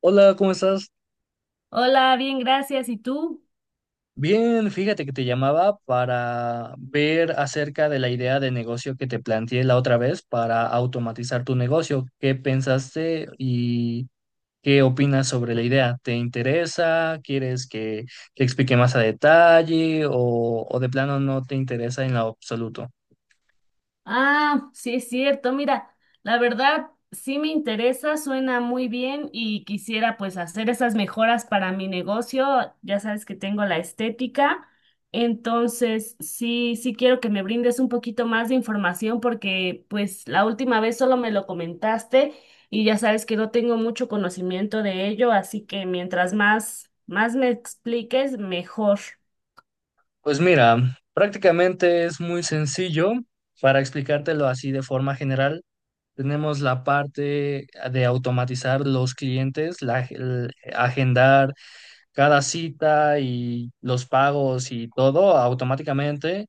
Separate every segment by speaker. Speaker 1: Hola, ¿cómo estás?
Speaker 2: Hola, bien, gracias. ¿Y tú?
Speaker 1: Bien, fíjate que te llamaba para ver acerca de la idea de negocio que te planteé la otra vez para automatizar tu negocio. ¿Qué pensaste y qué opinas sobre la idea? ¿Te interesa? ¿Quieres que te explique más a detalle o de plano no te interesa en lo absoluto?
Speaker 2: Ah, sí es cierto. Mira, la verdad sí me interesa, suena muy bien y quisiera pues hacer esas mejoras para mi negocio. Ya sabes que tengo la estética, entonces sí, sí quiero que me brindes un poquito más de información porque pues la última vez solo me lo comentaste y ya sabes que no tengo mucho conocimiento de ello, así que mientras más, más me expliques, mejor.
Speaker 1: Pues mira, prácticamente es muy sencillo para explicártelo así de forma general. Tenemos la parte de automatizar los clientes, el agendar cada cita y los pagos y todo automáticamente.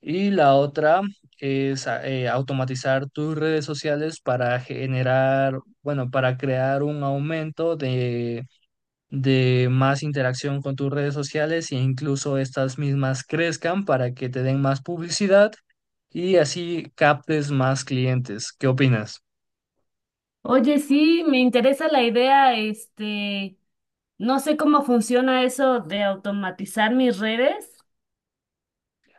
Speaker 1: Y la otra es automatizar tus redes sociales para generar, bueno, para crear un aumento de más interacción con tus redes sociales e incluso estas mismas crezcan para que te den más publicidad y así captes más clientes. ¿Qué opinas?
Speaker 2: Oye, sí, me interesa la idea, este, no sé cómo funciona eso de automatizar mis redes.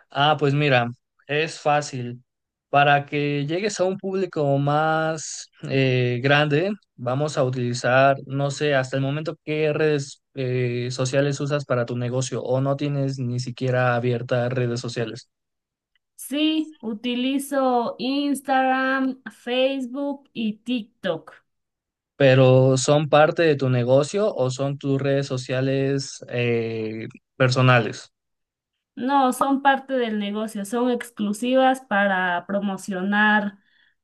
Speaker 1: Ah, pues mira, es fácil. Para que llegues a un público más grande, vamos a utilizar, no sé, hasta el momento qué redes sociales usas para tu negocio, o no tienes ni siquiera abiertas redes sociales,
Speaker 2: Sí, utilizo Instagram, Facebook y TikTok.
Speaker 1: pero ¿son parte de tu negocio o son tus redes sociales personales?
Speaker 2: No, son parte del negocio, son exclusivas para promocionar,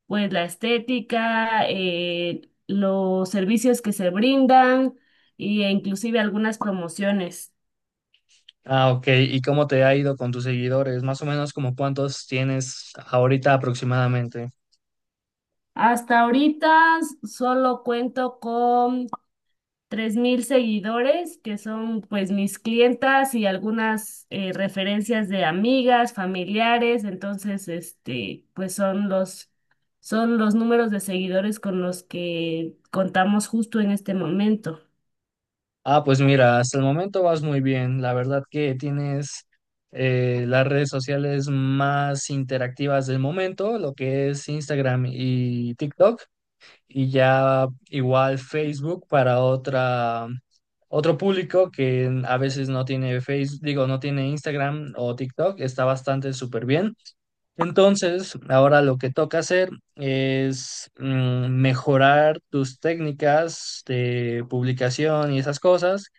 Speaker 2: pues, la estética, los servicios que se brindan e inclusive algunas promociones.
Speaker 1: Ah, ok. ¿Y cómo te ha ido con tus seguidores? Más o menos, como cuántos tienes ahorita, aproximadamente.
Speaker 2: Hasta ahorita solo cuento con 3.000 seguidores, que son pues mis clientas y algunas referencias de amigas, familiares, entonces este, pues son los números de seguidores con los que contamos justo en este momento.
Speaker 1: Ah, pues mira, hasta el momento vas muy bien. La verdad que tienes las redes sociales más interactivas del momento, lo que es Instagram y TikTok, y ya igual Facebook para otro público que a veces no tiene Facebook, digo, no tiene Instagram o TikTok. Está bastante súper bien. Entonces, ahora lo que toca hacer es mejorar tus técnicas de publicación y esas cosas,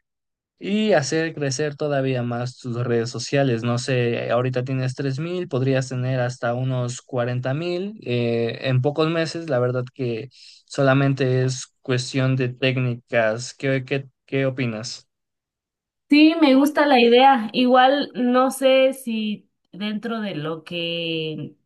Speaker 1: y hacer crecer todavía más tus redes sociales. No sé, ahorita tienes 3,000, podrías tener hasta unos 40,000 en pocos meses. La verdad que solamente es cuestión de técnicas. ¿Qué opinas?
Speaker 2: Sí, me gusta la idea. Igual no sé si dentro de lo que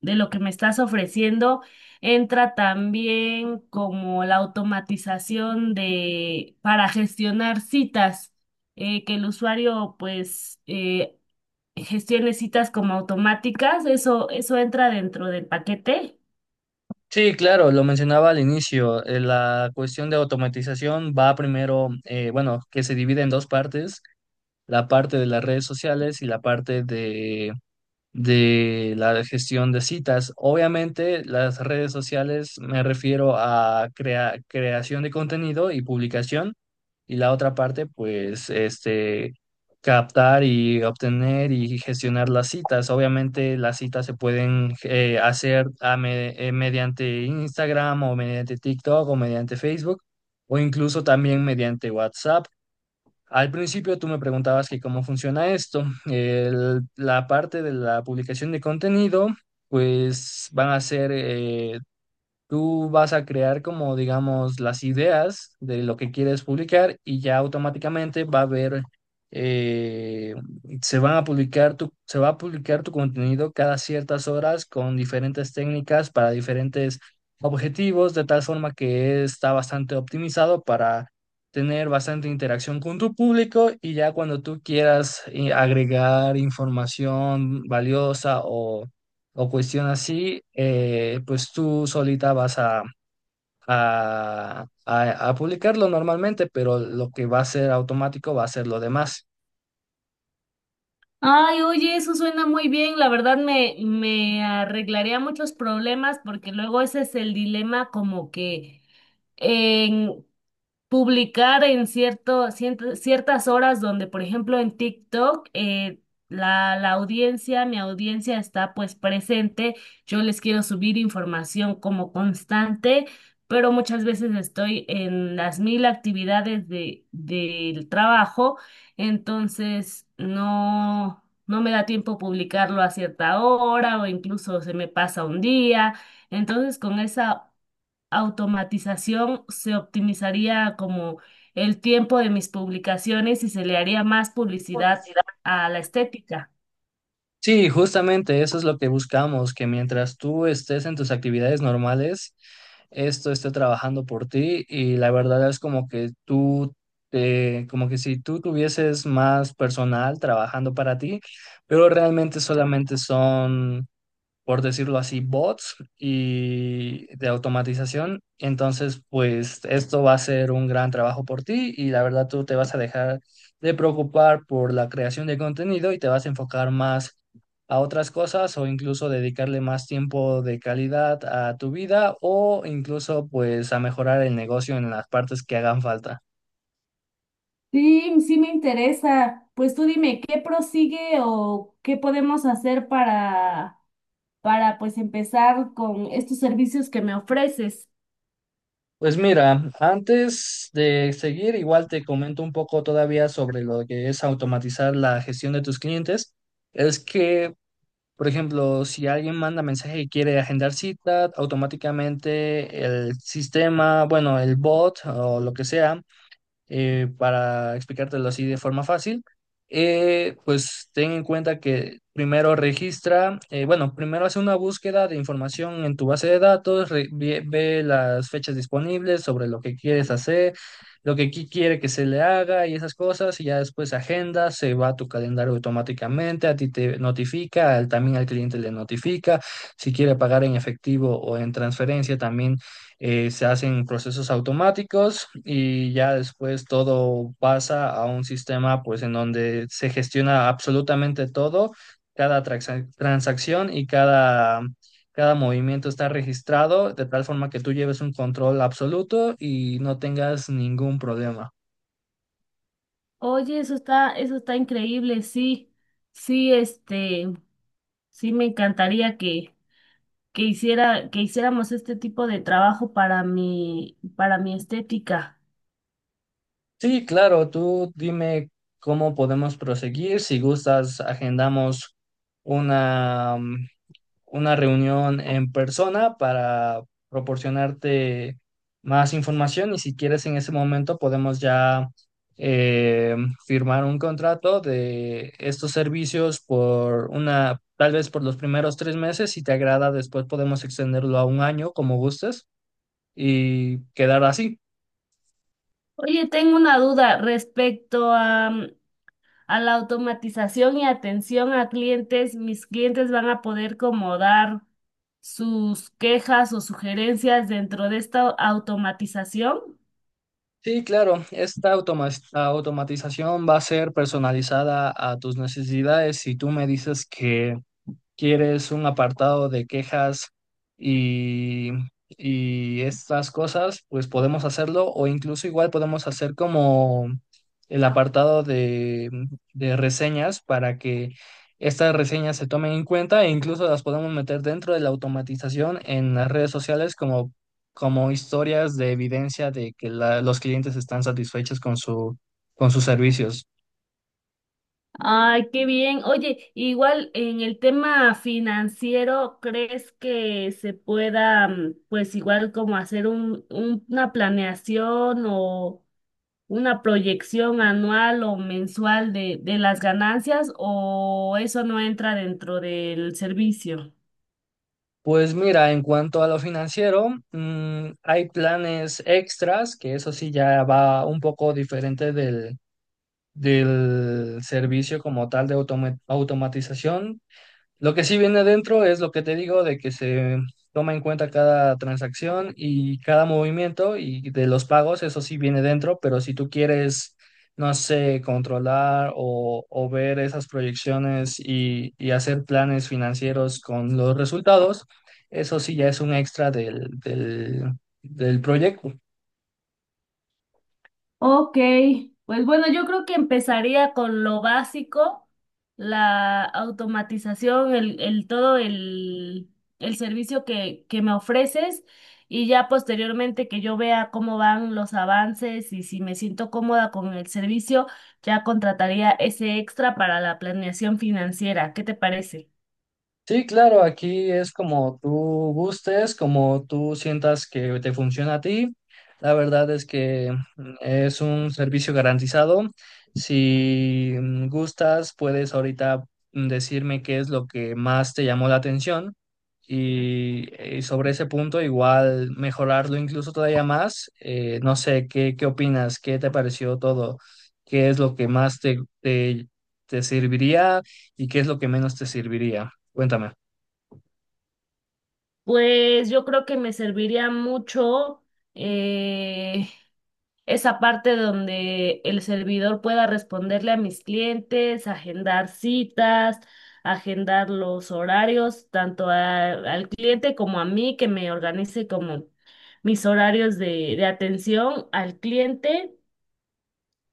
Speaker 2: de lo que me estás ofreciendo entra también como la automatización de para gestionar citas, que el usuario pues gestione citas como automáticas. Eso entra dentro del paquete.
Speaker 1: Sí, claro, lo mencionaba al inicio. La cuestión de automatización va primero, bueno, que se divide en dos partes: la parte de las redes sociales y la parte de la gestión de citas. Obviamente, las redes sociales, me refiero a creación de contenido y publicación, y la otra parte, pues, este, captar y obtener y gestionar las citas. Obviamente, las citas se pueden hacer mediante Instagram o mediante TikTok o mediante Facebook, o incluso también mediante WhatsApp. Al principio tú me preguntabas que cómo funciona esto. La parte de la publicación de contenido, pues van a ser, tú vas a crear, como, digamos, las ideas de lo que quieres publicar, y ya automáticamente va a haber, eh, se va a publicar tu contenido cada ciertas horas con diferentes técnicas para diferentes objetivos, de tal forma que está bastante optimizado para tener bastante interacción con tu público. Y ya cuando tú quieras agregar información valiosa o cuestión así, pues tú solita vas a publicarlo normalmente, pero lo que va a ser automático va a ser lo demás.
Speaker 2: Ay, oye, eso suena muy bien. La verdad me arreglaría muchos problemas porque luego ese es el dilema como que en publicar en ciertas horas donde, por ejemplo, en TikTok, la audiencia, mi audiencia está pues presente, yo les quiero subir información como constante, pero muchas veces estoy en las mil actividades de, del trabajo, entonces no... No me da tiempo publicarlo a cierta hora o incluso se me pasa un día. Entonces, con esa automatización se optimizaría como el tiempo de mis publicaciones y se le haría más publicidad a la estética.
Speaker 1: Sí, justamente eso es lo que buscamos: que mientras tú estés en tus actividades normales, esto esté trabajando por ti, y la verdad es como que tú, como que si tú tuvieses más personal trabajando para ti, pero realmente solamente son, por decirlo así, bots y de automatización. Entonces, pues esto va a ser un gran trabajo por ti y la verdad tú te vas a dejar de preocupar por la creación de contenido y te vas a enfocar más a otras cosas, o incluso dedicarle más tiempo de calidad a tu vida, o incluso pues a mejorar el negocio en las partes que hagan falta.
Speaker 2: Sí, sí me interesa. Pues tú dime, ¿qué prosigue o qué podemos hacer para pues empezar con estos servicios que me ofreces?
Speaker 1: Pues mira, antes de seguir, igual te comento un poco todavía sobre lo que es automatizar la gestión de tus clientes. Es que, por ejemplo, si alguien manda mensaje y quiere agendar cita, automáticamente el sistema, bueno, el bot o lo que sea, para explicártelo así de forma fácil, pues ten en cuenta que primero registra, bueno, primero hace una búsqueda de información en tu base de datos, ve las fechas disponibles sobre lo que quieres hacer, lo que quiere que se le haga y esas cosas, y ya después agenda, se va a tu calendario automáticamente, a ti te notifica, también al cliente le notifica, si quiere pagar en efectivo o en transferencia, también se hacen procesos automáticos, y ya después todo pasa a un sistema, pues, en donde se gestiona absolutamente todo, cada transacción y cada movimiento está registrado de tal forma que tú lleves un control absoluto y no tengas ningún problema.
Speaker 2: Oye, eso está increíble, sí, sí, este, sí me encantaría que hiciéramos este tipo de trabajo para para mi estética.
Speaker 1: Sí, claro, tú dime cómo podemos proseguir. Si gustas, agendamos una una reunión en persona para proporcionarte más información, y si quieres, en ese momento podemos ya eh, firmar un contrato de estos servicios tal vez por los primeros 3 meses. Si te agrada, después podemos extenderlo a un año, como gustes, y quedar así.
Speaker 2: Oye, tengo una duda respecto a, a la automatización y atención a clientes. ¿Mis clientes van a poder como dar sus quejas o sugerencias dentro de esta automatización?
Speaker 1: Sí, claro, esta automatización va a ser personalizada a tus necesidades. Si tú me dices que quieres un apartado de quejas y, y estas cosas, pues podemos hacerlo, o incluso igual podemos hacer como el apartado de reseñas, para que estas reseñas se tomen en cuenta e incluso las podemos meter dentro de la automatización en las redes sociales, como historias de evidencia de que la- los clientes están satisfechos con sus servicios.
Speaker 2: Ay, qué bien. Oye, igual en el tema financiero, ¿crees que se pueda, pues igual como hacer una planeación o una proyección anual o mensual de las ganancias o eso no entra dentro del servicio?
Speaker 1: Pues mira, en cuanto a lo financiero, hay planes extras, que eso sí ya va un poco diferente del servicio como tal de automatización. Lo que sí viene adentro es lo que te digo, de que se toma en cuenta cada transacción y cada movimiento y de los pagos. Eso sí viene dentro, pero si tú quieres, no sé, controlar, o ver esas proyecciones y hacer planes financieros con los resultados, eso sí ya es un extra del proyecto.
Speaker 2: Ok, pues bueno, yo creo que empezaría con lo básico, la automatización, el servicio que me ofreces y ya posteriormente que yo vea cómo van los avances y si me siento cómoda con el servicio, ya contrataría ese extra para la planeación financiera. ¿Qué te parece?
Speaker 1: Sí, claro, aquí es como tú gustes, como tú sientas que te funciona a ti. La verdad es que es un servicio garantizado. Si gustas, puedes ahorita decirme qué es lo que más te llamó la atención y sobre ese punto igual mejorarlo incluso todavía más. No sé, ¿qué opinas? ¿Qué te pareció todo? ¿Qué es lo que más te serviría y qué es lo que menos te serviría? Cuéntame.
Speaker 2: Pues yo creo que me serviría mucho eh, esa parte donde el servidor pueda responderle a mis clientes, agendar citas, agendar los horarios, tanto al cliente como a mí, que me organice como mis horarios de atención al cliente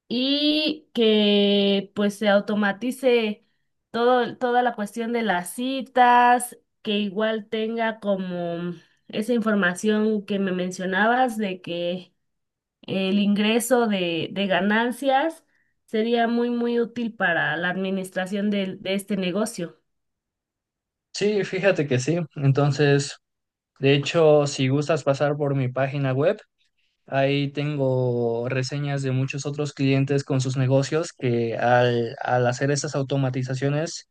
Speaker 2: y que pues se automatice todo, toda la cuestión de las citas, que igual tenga como esa información que me mencionabas de que el ingreso de ganancias sería muy, muy útil para la administración de este negocio.
Speaker 1: Sí, fíjate que sí. Entonces, de hecho, si gustas pasar por mi página web, ahí tengo reseñas de muchos otros clientes con sus negocios que al hacer estas automatizaciones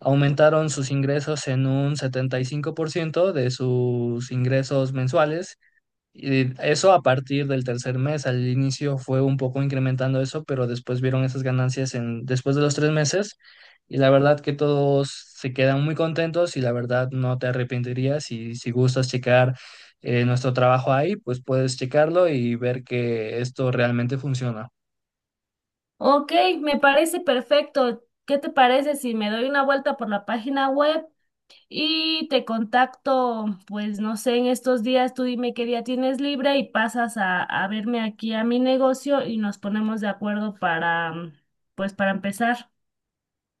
Speaker 1: aumentaron sus ingresos en un 75% de sus ingresos mensuales. Y eso a partir del tercer mes. Al inicio fue un poco incrementando eso, pero después vieron esas ganancias después de los 3 meses, y la verdad que todos se quedan muy contentos y la verdad no te arrepentirías, y si gustas checar nuestro trabajo ahí, pues puedes checarlo y ver que esto realmente funciona.
Speaker 2: Ok, me parece perfecto. ¿Qué te parece si me doy una vuelta por la página web y te contacto? Pues no sé, en estos días tú dime qué día tienes libre y pasas a verme aquí a mi negocio y nos ponemos de acuerdo para, pues para empezar.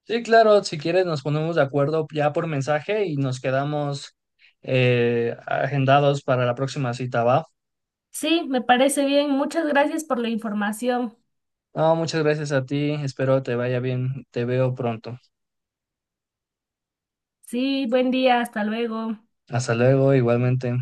Speaker 1: Sí, claro, si quieres nos ponemos de acuerdo ya por mensaje y nos quedamos agendados para la próxima cita, ¿va?
Speaker 2: Sí, me parece bien. Muchas gracias por la información.
Speaker 1: No, muchas gracias a ti. Espero te vaya bien. Te veo pronto.
Speaker 2: Sí, buen día, hasta luego.
Speaker 1: Hasta luego, igualmente.